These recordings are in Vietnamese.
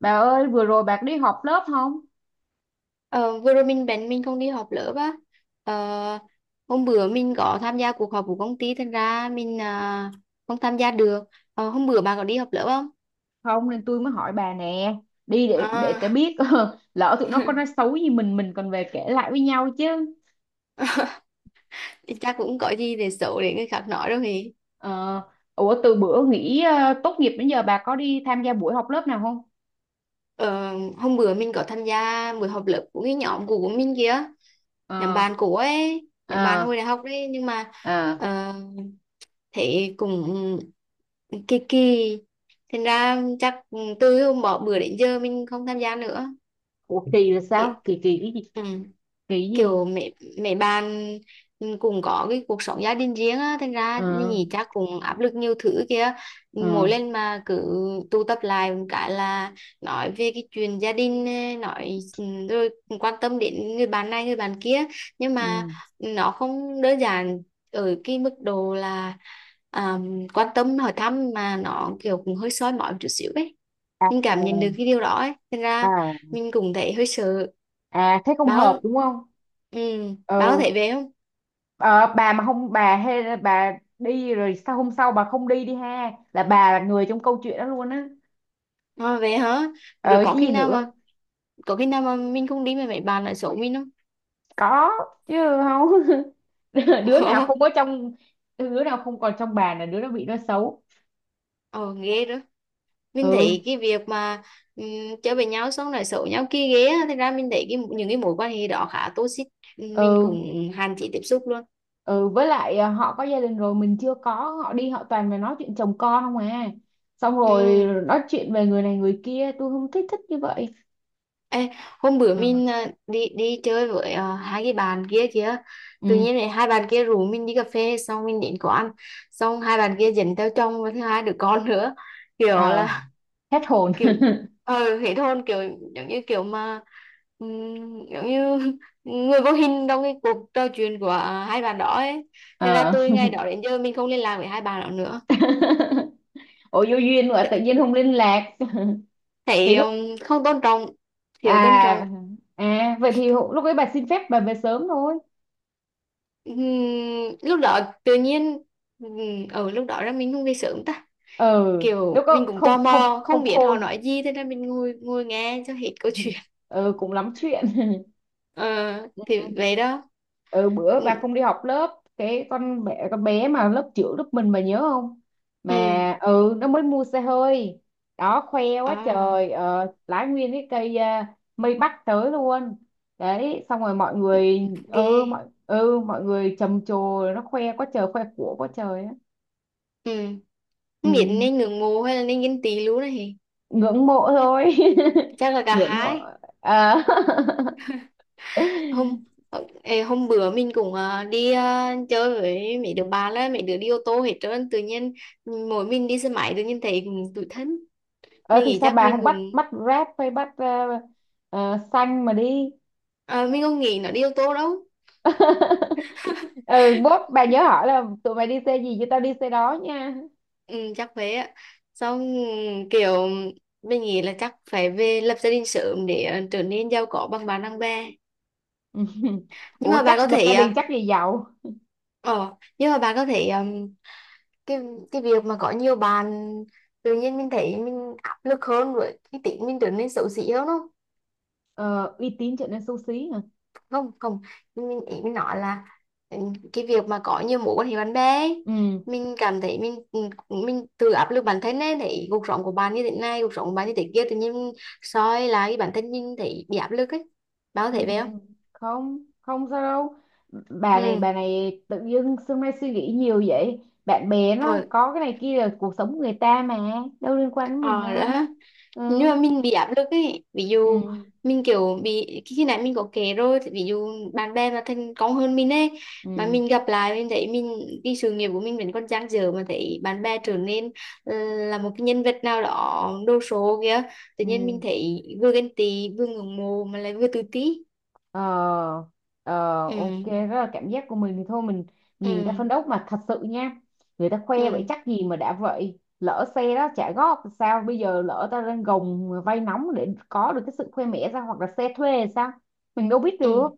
Bà ơi vừa rồi bà có đi họp lớp không? Ờ, vừa rồi mình không đi họp lớp á. Ờ, hôm bữa mình có tham gia cuộc họp của công ty thành ra mình không tham gia được. Hôm bữa bà có đi họp lớp không? Không nên tôi mới hỏi bà nè. Đi để cái à, biết lỡ tụi nó có nói xấu gì mình còn về kể lại với nhau chứ. Chắc cũng có gì để xấu để người khác nói đâu thì. Ờ, ủa từ bữa nghỉ tốt nghiệp đến giờ bà có đi tham gia buổi họp lớp nào không? Ờ, Hôm bữa mình có tham gia buổi họp lớp của cái nhóm cũ của mình kia, nhóm Ờ. bạn cũ ấy, nhóm bạn Ờ. hồi đại học đấy. Nhưng mà Ờ. ờ, thế cũng kỳ kỳ, thành ra chắc từ hôm bỏ bữa đến giờ mình không tham gia nữa. Ủa kỳ là Kiểu, sao? Kỳ kỳ cái gì? ừ. Kỳ gì? Kiểu mẹ mẹ bạn cũng có cái cuộc sống gia đình riêng á, thành ra Ờ. nhỉ, chắc cũng áp lực nhiều thứ kia. Ờ. Mỗi lần mà cứ tụ tập lại một cái là nói về cái chuyện gia đình, nói, rồi quan tâm đến người bạn này người bạn kia. Nhưng mà Ừ. nó không đơn giản ở cái mức độ là à, quan tâm hỏi thăm, mà nó kiểu cũng hơi soi mói một chút xíu ấy. À. Mình cảm nhận được cái điều đó ấy, thành ra À. mình cũng thấy hơi sợ. À thế không bà hợp có- đúng không? ừ, bà có Ừ. thể về không? Ờ, bà mà không bà hay bà đi rồi sao hôm sau bà không đi đi ha, là bà là người trong câu chuyện đó luôn á. Về hả? Rồi Ờ có chứ khi gì nào mà nữa. có khi nào mà mình không đi mà mấy bạn lại xấu mình không? Có chứ. Không. Đứa nào ờ không có trong, đứa nào không còn trong bà là đứa đó bị nó xấu. ờ, ghê đó. Mình Ừ thấy cái việc mà um, chơi với nhau xong lại xấu nhau kia ghê á. Thật ra mình thấy cái những cái mối quan hệ đó khá toxic, mình ừ. cũng hạn chế tiếp xúc luôn. Ừ với lại à, họ có gia đình rồi mình chưa có, họ đi họ toàn là nói chuyện chồng con không à, xong Ừ. rồi nói chuyện về người này người kia, tôi không thích thích như vậy. Ê, hôm bữa Ờ. mình đi đi chơi với hai cái bạn kia kìa. Tự Ừ. nhiên này hai bạn kia rủ mình đi cà phê, xong mình đến quán, xong hai bạn kia dẫn theo chồng và thứ hai đứa con nữa. Kiểu Ờ là, hết hồn. kiểu ờ thế thôn, kiểu giống như kiểu mà giống như người vô hình trong cái cuộc trò chuyện của hai bạn đó ấy. Thế ra Ờ. từ ngày đó đến giờ mình không liên lạc với hai bạn đó nữa. Ủa vô duyên mà tự nhiên không liên lạc. Thì Thấy lúc không tôn trọng, thiếu tôn à trọng. à vậy thì hụ- lúc ấy bà xin phép bà về sớm thôi. Ừm, lúc đó tự nhiên ở lúc đó ra mình không về sớm ta. Ừ lúc Kiểu mình đó cũng tò không không mò không không biết họ khôn. nói gì, thế nên mình ngồi ngồi nghe cho hết câu chuyện. Ừ cũng lắm chuyện. Ờ, thì vậy đó. Ừ bữa Ừ. bà không đi học lớp cái, con bé mà lớp trưởng lớp mình bà nhớ không, Ừ. mà ừ nó mới mua xe hơi. Đó khoe quá À. trời, lái nguyên cái cây à, mây bắc tới luôn. Đấy xong rồi mọi người, Ghê. Ừ mọi người trầm trồ. Nó khoe quá trời khoe của quá trời á. Ừ. Ừ. Không biết nên ngưỡng mộ hay là nên ghen tị luôn này. Ngưỡng mộ thôi. Chắc là cả Ngưỡng mộ. hai. À. Hôm, ê, hôm bữa mình cũng đi chơi với mấy đứa bạn là mấy đứa đi ô tô hết trơn, tự nhiên mỗi mình đi xe máy, tự nhiên thấy cũng tủi thân. Ờ Mình thì nghĩ sao chắc bà mình không bắt cũng. bắt Grab hay bắt xanh mà đi. Ờ, mình không nghĩ nó đi yếu tố đâu. Ừ bốt bà nhớ hỏi là tụi mày đi xe gì cho tao đi xe đó nha. Ừ, chắc thế ạ. Xong kiểu mình nghĩ là chắc phải về lập gia đình sớm để trở nên giàu có bằng bạn bằng bè. Nhưng Ủa mà chắc bạn có lập thể gia ờ. đình chắc gì giàu. Ờ, nhưng mà bạn có thể cái cái việc mà có nhiều bạn tự nhiên mình thấy mình áp lực hơn, với cái tính mình trở nên xấu xí hơn không? Ờ, uy tín trở nên xấu xí hả. Không không. Mình, ý mình nói là, ừ, cái việc mà có nhiều mối quan hệ bạn bè ấy, Ừ. mình cảm thấy mình, mình tự áp lực bản thân ấy, thấy cuộc sống của bạn như thế này cuộc sống của bạn như thế kia, tự nhiên soi lại bản thân mình thấy bị áp lực ấy. Bạn có Ừ thấy vậy không? không không sao đâu. Bà này Ừ. bà này tự dưng xưa nay suy nghĩ nhiều vậy, bạn bè nó Rồi. có cái này kia là cuộc sống của người ta mà, đâu liên quan đến mình Ờ đâu. đó. Nhưng Ừ. mà mình bị áp lực ấy. Ví Ừ. dụ mình kiểu bị khi khi nãy mình có kể rồi, thì ví dụ bạn bè mà thành công hơn mình ấy, mà Ừ. mình gặp lại mình thấy mình, cái sự nghiệp của mình vẫn còn dang dở, mà thấy bạn bè trở nên là một cái nhân vật nào đó đồ sộ kìa, tự nhiên mình Ừ. thấy vừa ghen tị vừa ngưỡng mộ mà lại vừa tự ti. Ờ. Ờ, ok Ừ. rất là cảm giác của mình thì thôi mình Ừ. nhìn người ta phân đấu mà thật sự nha. Người ta khoe vậy Ừ. chắc gì mà đã vậy, lỡ xe đó trả góp thì sao, bây giờ lỡ ta đang gồng vay nóng để có được cái sự khoe mẽ ra, hoặc là xe thuê thì sao, mình đâu biết Ừ. được.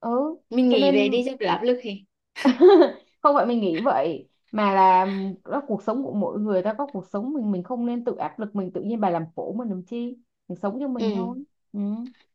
Ừ Mình cho nghĩ về nên đi cho đỡ áp lực thì. không phải mình nghĩ vậy mà là đó, cuộc sống của mỗi người, ta có cuộc sống mình không nên tự áp lực mình, tự nhiên bà làm khổ mình làm chi, mình sống cho Ừ. mình thôi. Ừ.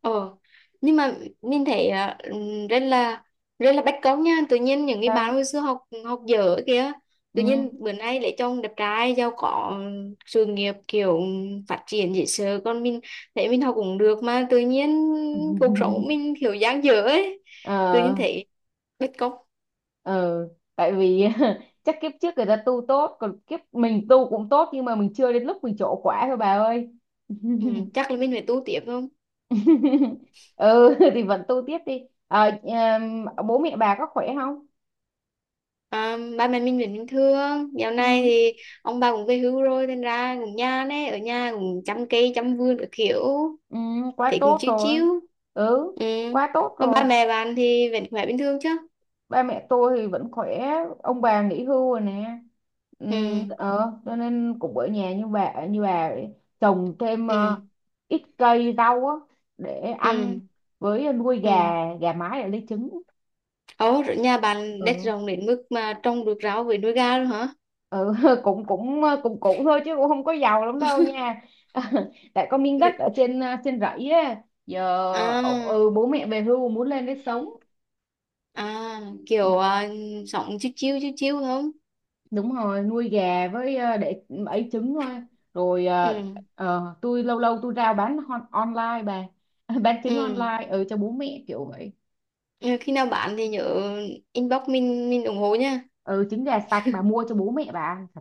Ờ, nhưng mà nhìn thấy rất là bất công nha. Tự nhiên những cái bạn Sao. hồi xưa học, học dở kìa, Ừ. tự nhiên bữa nay lấy chồng đẹp trai giàu có, sự nghiệp kiểu phát triển dễ sợ. Còn mình thấy mình học cũng được mà tự nhiên cuộc sống của mình kiểu dang dở ấy, tự Ờ. nhiên thấy bất công. Ờ, tại vì chắc kiếp trước người ta tu tốt, còn kiếp mình tu cũng tốt nhưng mà mình chưa đến lúc mình trổ quả thôi bà ơi. Ừ, chắc là mình phải tu tiếp không? Ừ thì vẫn tu tiếp đi. Ờ, em, bố mẹ bà có khỏe không? À, ba mẹ mình vẫn bình thường. Dạo Ừ. này thì ông bà cũng về hưu rồi nên ra cũng nhàn ấy, ở nhà cũng chăm cây chăm vườn các kiểu, Ừ, quá thấy cũng tốt chiếu rồi. chiếu. Ừ, Ừ. quá tốt Mà ba rồi. mẹ bạn thì vẫn khỏe bình thường chứ? Ba mẹ tôi thì vẫn khỏe, ông bà nghỉ hưu rồi nè. Ừ. Ờ cho nên cũng ở nhà như bà vậy. Trồng thêm Ừ. ít cây rau á để Ừ. ăn, với nuôi gà, Ừ. gà mái để lấy trứng. Ồ, rồi nhà bạn đất Ừ. rộng đến mức mà trồng được rau với nuôi gà luôn hả? Ừ cũng cũng cũng cũng thôi chứ cũng không có giàu lắm đâu nha. Tại có miếng đất ở Vì- trên trên rẫy á giờ, ừ, À. bố mẹ về hưu muốn lên đấy sống. À, kiểu sống chiếu chiếu chiếu chiếu không? Đúng rồi nuôi gà với để ấy trứng thôi. Rồi ờ, Ừ. ờ, tôi lâu lâu tôi rao bán hon- online bà. Bán Ừ. trứng online ừ, cho bố mẹ kiểu vậy. Ừ, khi nào bạn thì nhớ inbox mình ủng hộ nha. Ừ, trứng gà sạch bà mua cho bố mẹ bà ăn thật.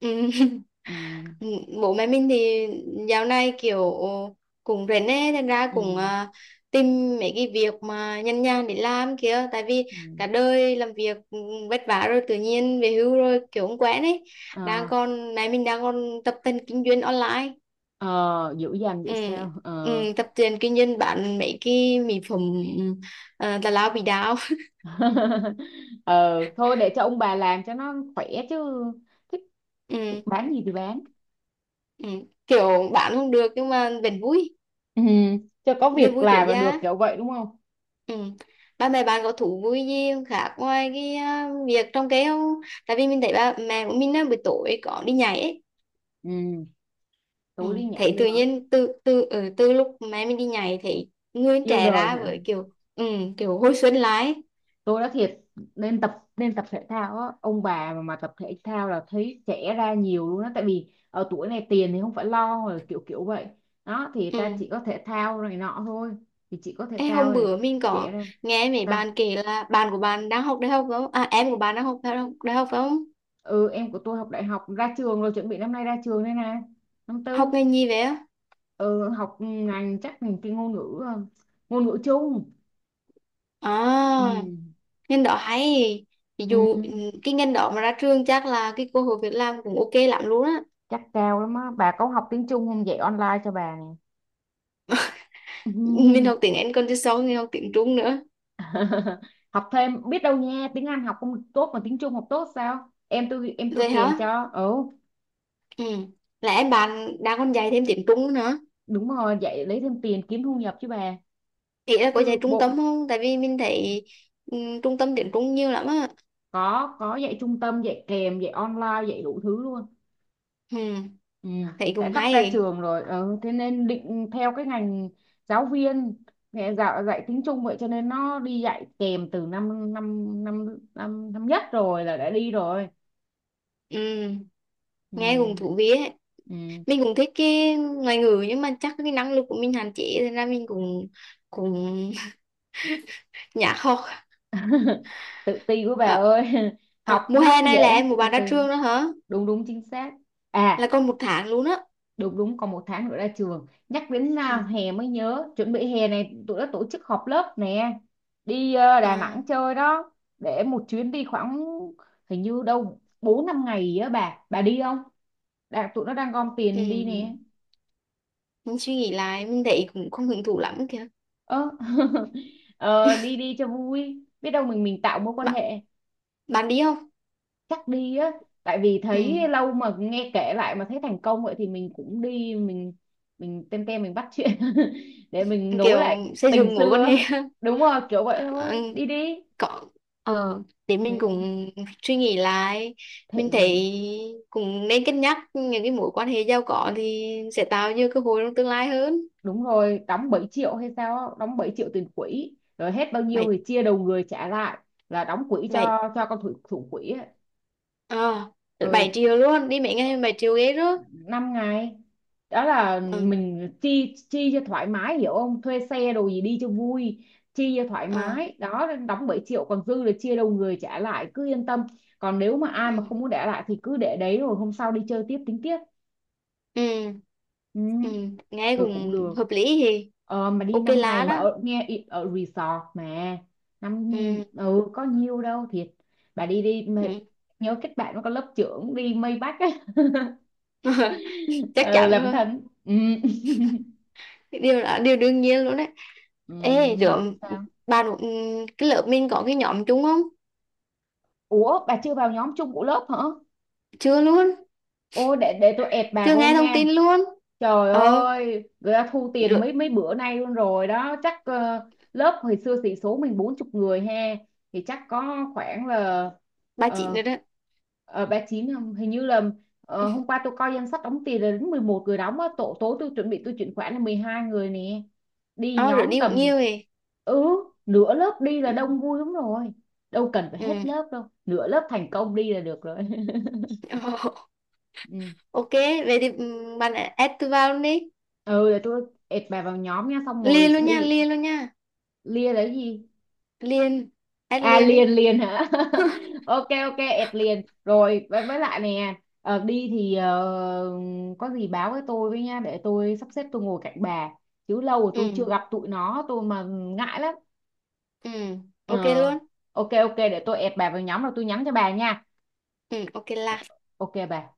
Ừ. Ừ. Ừ, bố mẹ mình thì dạo này kiểu cũng rảnh ấy, thành ra cũng Ừ. à, tìm mấy cái việc mà nhàn nhàn để làm kia. Tại vì Ừ. cả đời làm việc vất vả rồi, tự nhiên về hưu rồi kiểu không quen ấy. Đang Ờ. còn mẹ mình đang còn tập tành kinh doanh online. Ờ, dữ dằn vậy Ừ. sao. Ờ. Ừ, tập tiền kinh doanh bán mấy cái mỹ phẩm, tào lao bị đau. Ờ, thôi để cho ông bà làm cho nó khỏe chứ. Thích, thích Ừ. bán gì thì bán. Ừ. Kiểu bán không được nhưng mà vẫn vui, Ừ, cho có niềm việc vui tuổi làm là được già. kiểu vậy đúng không. Ừ. Ba mẹ bạn có thú vui gì khác ngoài cái việc trồng cây không? Tại vì mình thấy ba mẹ của mình á, buổi tối có đi nhảy ấy. Ừ, Ừ. tối đi nhảy Thấy tự nữa. nhiên từ từ ở từ lúc mẹ mình đi nhảy thì người Yêu trẻ đời ra, hả. với kiểu ừ, kiểu hồi xuân lại ấy. Tôi nói thiệt, nên tập thể thao á, ông bà mà tập thể thao là thấy trẻ ra nhiều luôn á, tại vì ở tuổi này tiền thì không phải lo rồi kiểu kiểu vậy, đó thì ta chỉ Ừ. có thể thao này nọ thôi, thì chỉ có thể Ê, hôm thao thì bữa mình trẻ có ra. nghe mấy Ta. bạn kể là bạn của bạn đang học đại học phải không? À, em của bạn đang học đại học, đại học phải không? Ừ em của tôi học đại học ra trường rồi, chuẩn bị năm nay ra trường đây nè, năm Học tư. ngành gì vậy á? Ừ, học ngành chắc ngành cái ngôn ngữ, ngôn ngữ chung. Ừ. À, ngành đó hay. Ví Ừ. dụ ừ, cái ngành đó mà ra trường chắc là cái cơ hội việc làm cũng OK lắm luôn á. Chắc cao lắm á, bà có học tiếng Trung không dạy online cho bà nè. Mình học tiếng Anh còn chứ sau mình học tiếng Trung nữa. Học thêm biết đâu nha, tiếng Anh học không tốt mà tiếng Trung học tốt sao, em tôi Vậy kèm hả? cho. Ừ Ừ, là em bạn đang còn dạy thêm tiếng Trung nữa? đúng rồi dạy lấy thêm tiền kiếm thu nhập chứ bà, Chị là có dạy chứ trung bộ. tâm không? Tại vì mình thấy ừ, trung tâm tiếng Trung nhiều lắm á. Có dạy trung tâm, dạy kèm, dạy online, dạy đủ thứ luôn. Ừ, Ừ. thấy Tại cũng sắp ra hay. trường rồi ừ. Thế nên định theo cái ngành giáo viên, mẹ dạy tiếng Trung, vậy cho nên nó đi dạy kèm từ năm năm năm năm năm nhất rồi là đã đi rồi. Ừ, Ừ. nghe cũng thú vị ấy. Ừ. Mình cũng thích cái ngoại ngữ nhưng mà chắc cái năng lực của mình hạn chế nên là mình cũng, cũng nhả học. Tự ti của bà Ờ, ơi. ờ, Học mùa nó hè này dễ là lắm em một từ bạn ra từ. trường đó hả? Đúng đúng chính xác. À Là còn một tháng luôn á. đúng đúng còn một tháng nữa ra trường. Nhắc đến à, Ừ. hè mới nhớ, chuẩn bị hè này tụi nó tổ chức họp lớp nè, đi Đà À. Nẵng chơi đó, để một chuyến đi khoảng hình như đâu 4-5 ngày á bà đi không. Đã, tụi nó đang gom tiền đi nè. Ừ, mình suy nghĩ lại mình thấy cũng không hứng thú lắm kìa. Ơ. Ờ, đi đi cho vui biết đâu mình tạo mối quan Bạn hệ. Bạn đi không? Chắc đi á, tại vì Ừ. thấy lâu mà nghe kể lại mà thấy thành công vậy thì mình cũng đi, mình tem tem mình bắt chuyện để mình nối Kiểu lại xây tình dựng mối quan hệ. xưa. Đúng rồi kiểu vậy thôi Ờ, đi đi. có. Ờ, để mình Ừ. cũng suy nghĩ lại, Thế, mình ừ, thấy cũng nên cân nhắc những cái mối quan hệ giàu có thì sẽ tạo nhiều cơ hội trong tương lai hơn. đúng rồi đóng 7 triệu hay sao á, đóng 7 triệu tiền quỹ rồi hết bao bảy nhiêu thì chia đầu người trả lại, là đóng quỹ bảy cho con thủ thủ quỹ á. Ờ, bảy triệu luôn đi mấy ngày? 7 triệu ghê đó. 5 ngày. Đó là Ừ. mình chi chi cho thoải mái hiểu không, thuê xe đồ gì đi cho vui, chi cho thoải Ờ. mái đó đóng 7 triệu còn dư là chia đầu người trả lại cứ yên tâm. Còn nếu mà ai Ừ. mà không muốn để lại thì cứ để đấy rồi hôm sau đi chơi tiếp tính tiếp. Ừ. Ừ, Ừ. Nghe cứ cũng cũng được. hợp lý thì. Ờ, mà đi OK 5 ngày lá mà đó. ở, nghe ý- ở resort mà, năm, Ừ. ừ có nhiêu đâu thiệt, bà đi đi mà Ừ. nhớ kết bạn với con lớp trưởng đi Maybach á. Chắc Ừ, chắn làm rồi, thân ừ. điều là điều đương nhiên luôn đấy. Ừ. Ê rồi Sao? bạn, cái lớp mình có cái nhóm chung không? Ủa bà chưa vào nhóm chung của lớp hả? Chưa luôn. Ô để tôi ẹp bà Chưa vô nghe thông nha. tin luôn. Trời Ờ ơi, người ta thu tiền rồi. mấy mấy bữa nay luôn rồi đó, chắc ờ, lớp hồi xưa sĩ số mình 40 người ha, thì chắc có khoảng là Ba chị ờ, nữa đó. ờ, 39. Không? Hình như là ờ, hôm qua tôi coi danh sách đóng tiền là đến 11 người đóng á, tổ tối tôi chuẩn bị tôi chuyển khoản là 12 người nè. Đi Ờ rồi nhóm đi cũng tầm, nhiều rồi. ừ, nửa lớp đi là Ừ. đông vui lắm rồi. Đâu cần phải Ừ. hết lớp đâu, nửa lớp thành công đi là được rồi. Ừ, OK, vậy thì bạn add tôi vào luôn đi. ừ để tôi ệt bà vào nhóm nha xong rồi Liền luôn nha, đi. liền luôn nha. Lia là cái gì. Liền, add À liền liền đi. liền hả. Ok ok ẹt liền rồi, với lại nè, ờ, đi thì ờ, có gì báo với tôi với nha để tôi sắp xếp tôi ngồi cạnh bà, chứ lâu rồi tôi chưa Ừ. gặp tụi nó tôi mà ngại lắm. Ừ, Ờ OK luôn. ok ok để tôi ẹt bà vào nhóm rồi tôi nhắn cho bà nha. Ừ, OK là. Ok bà.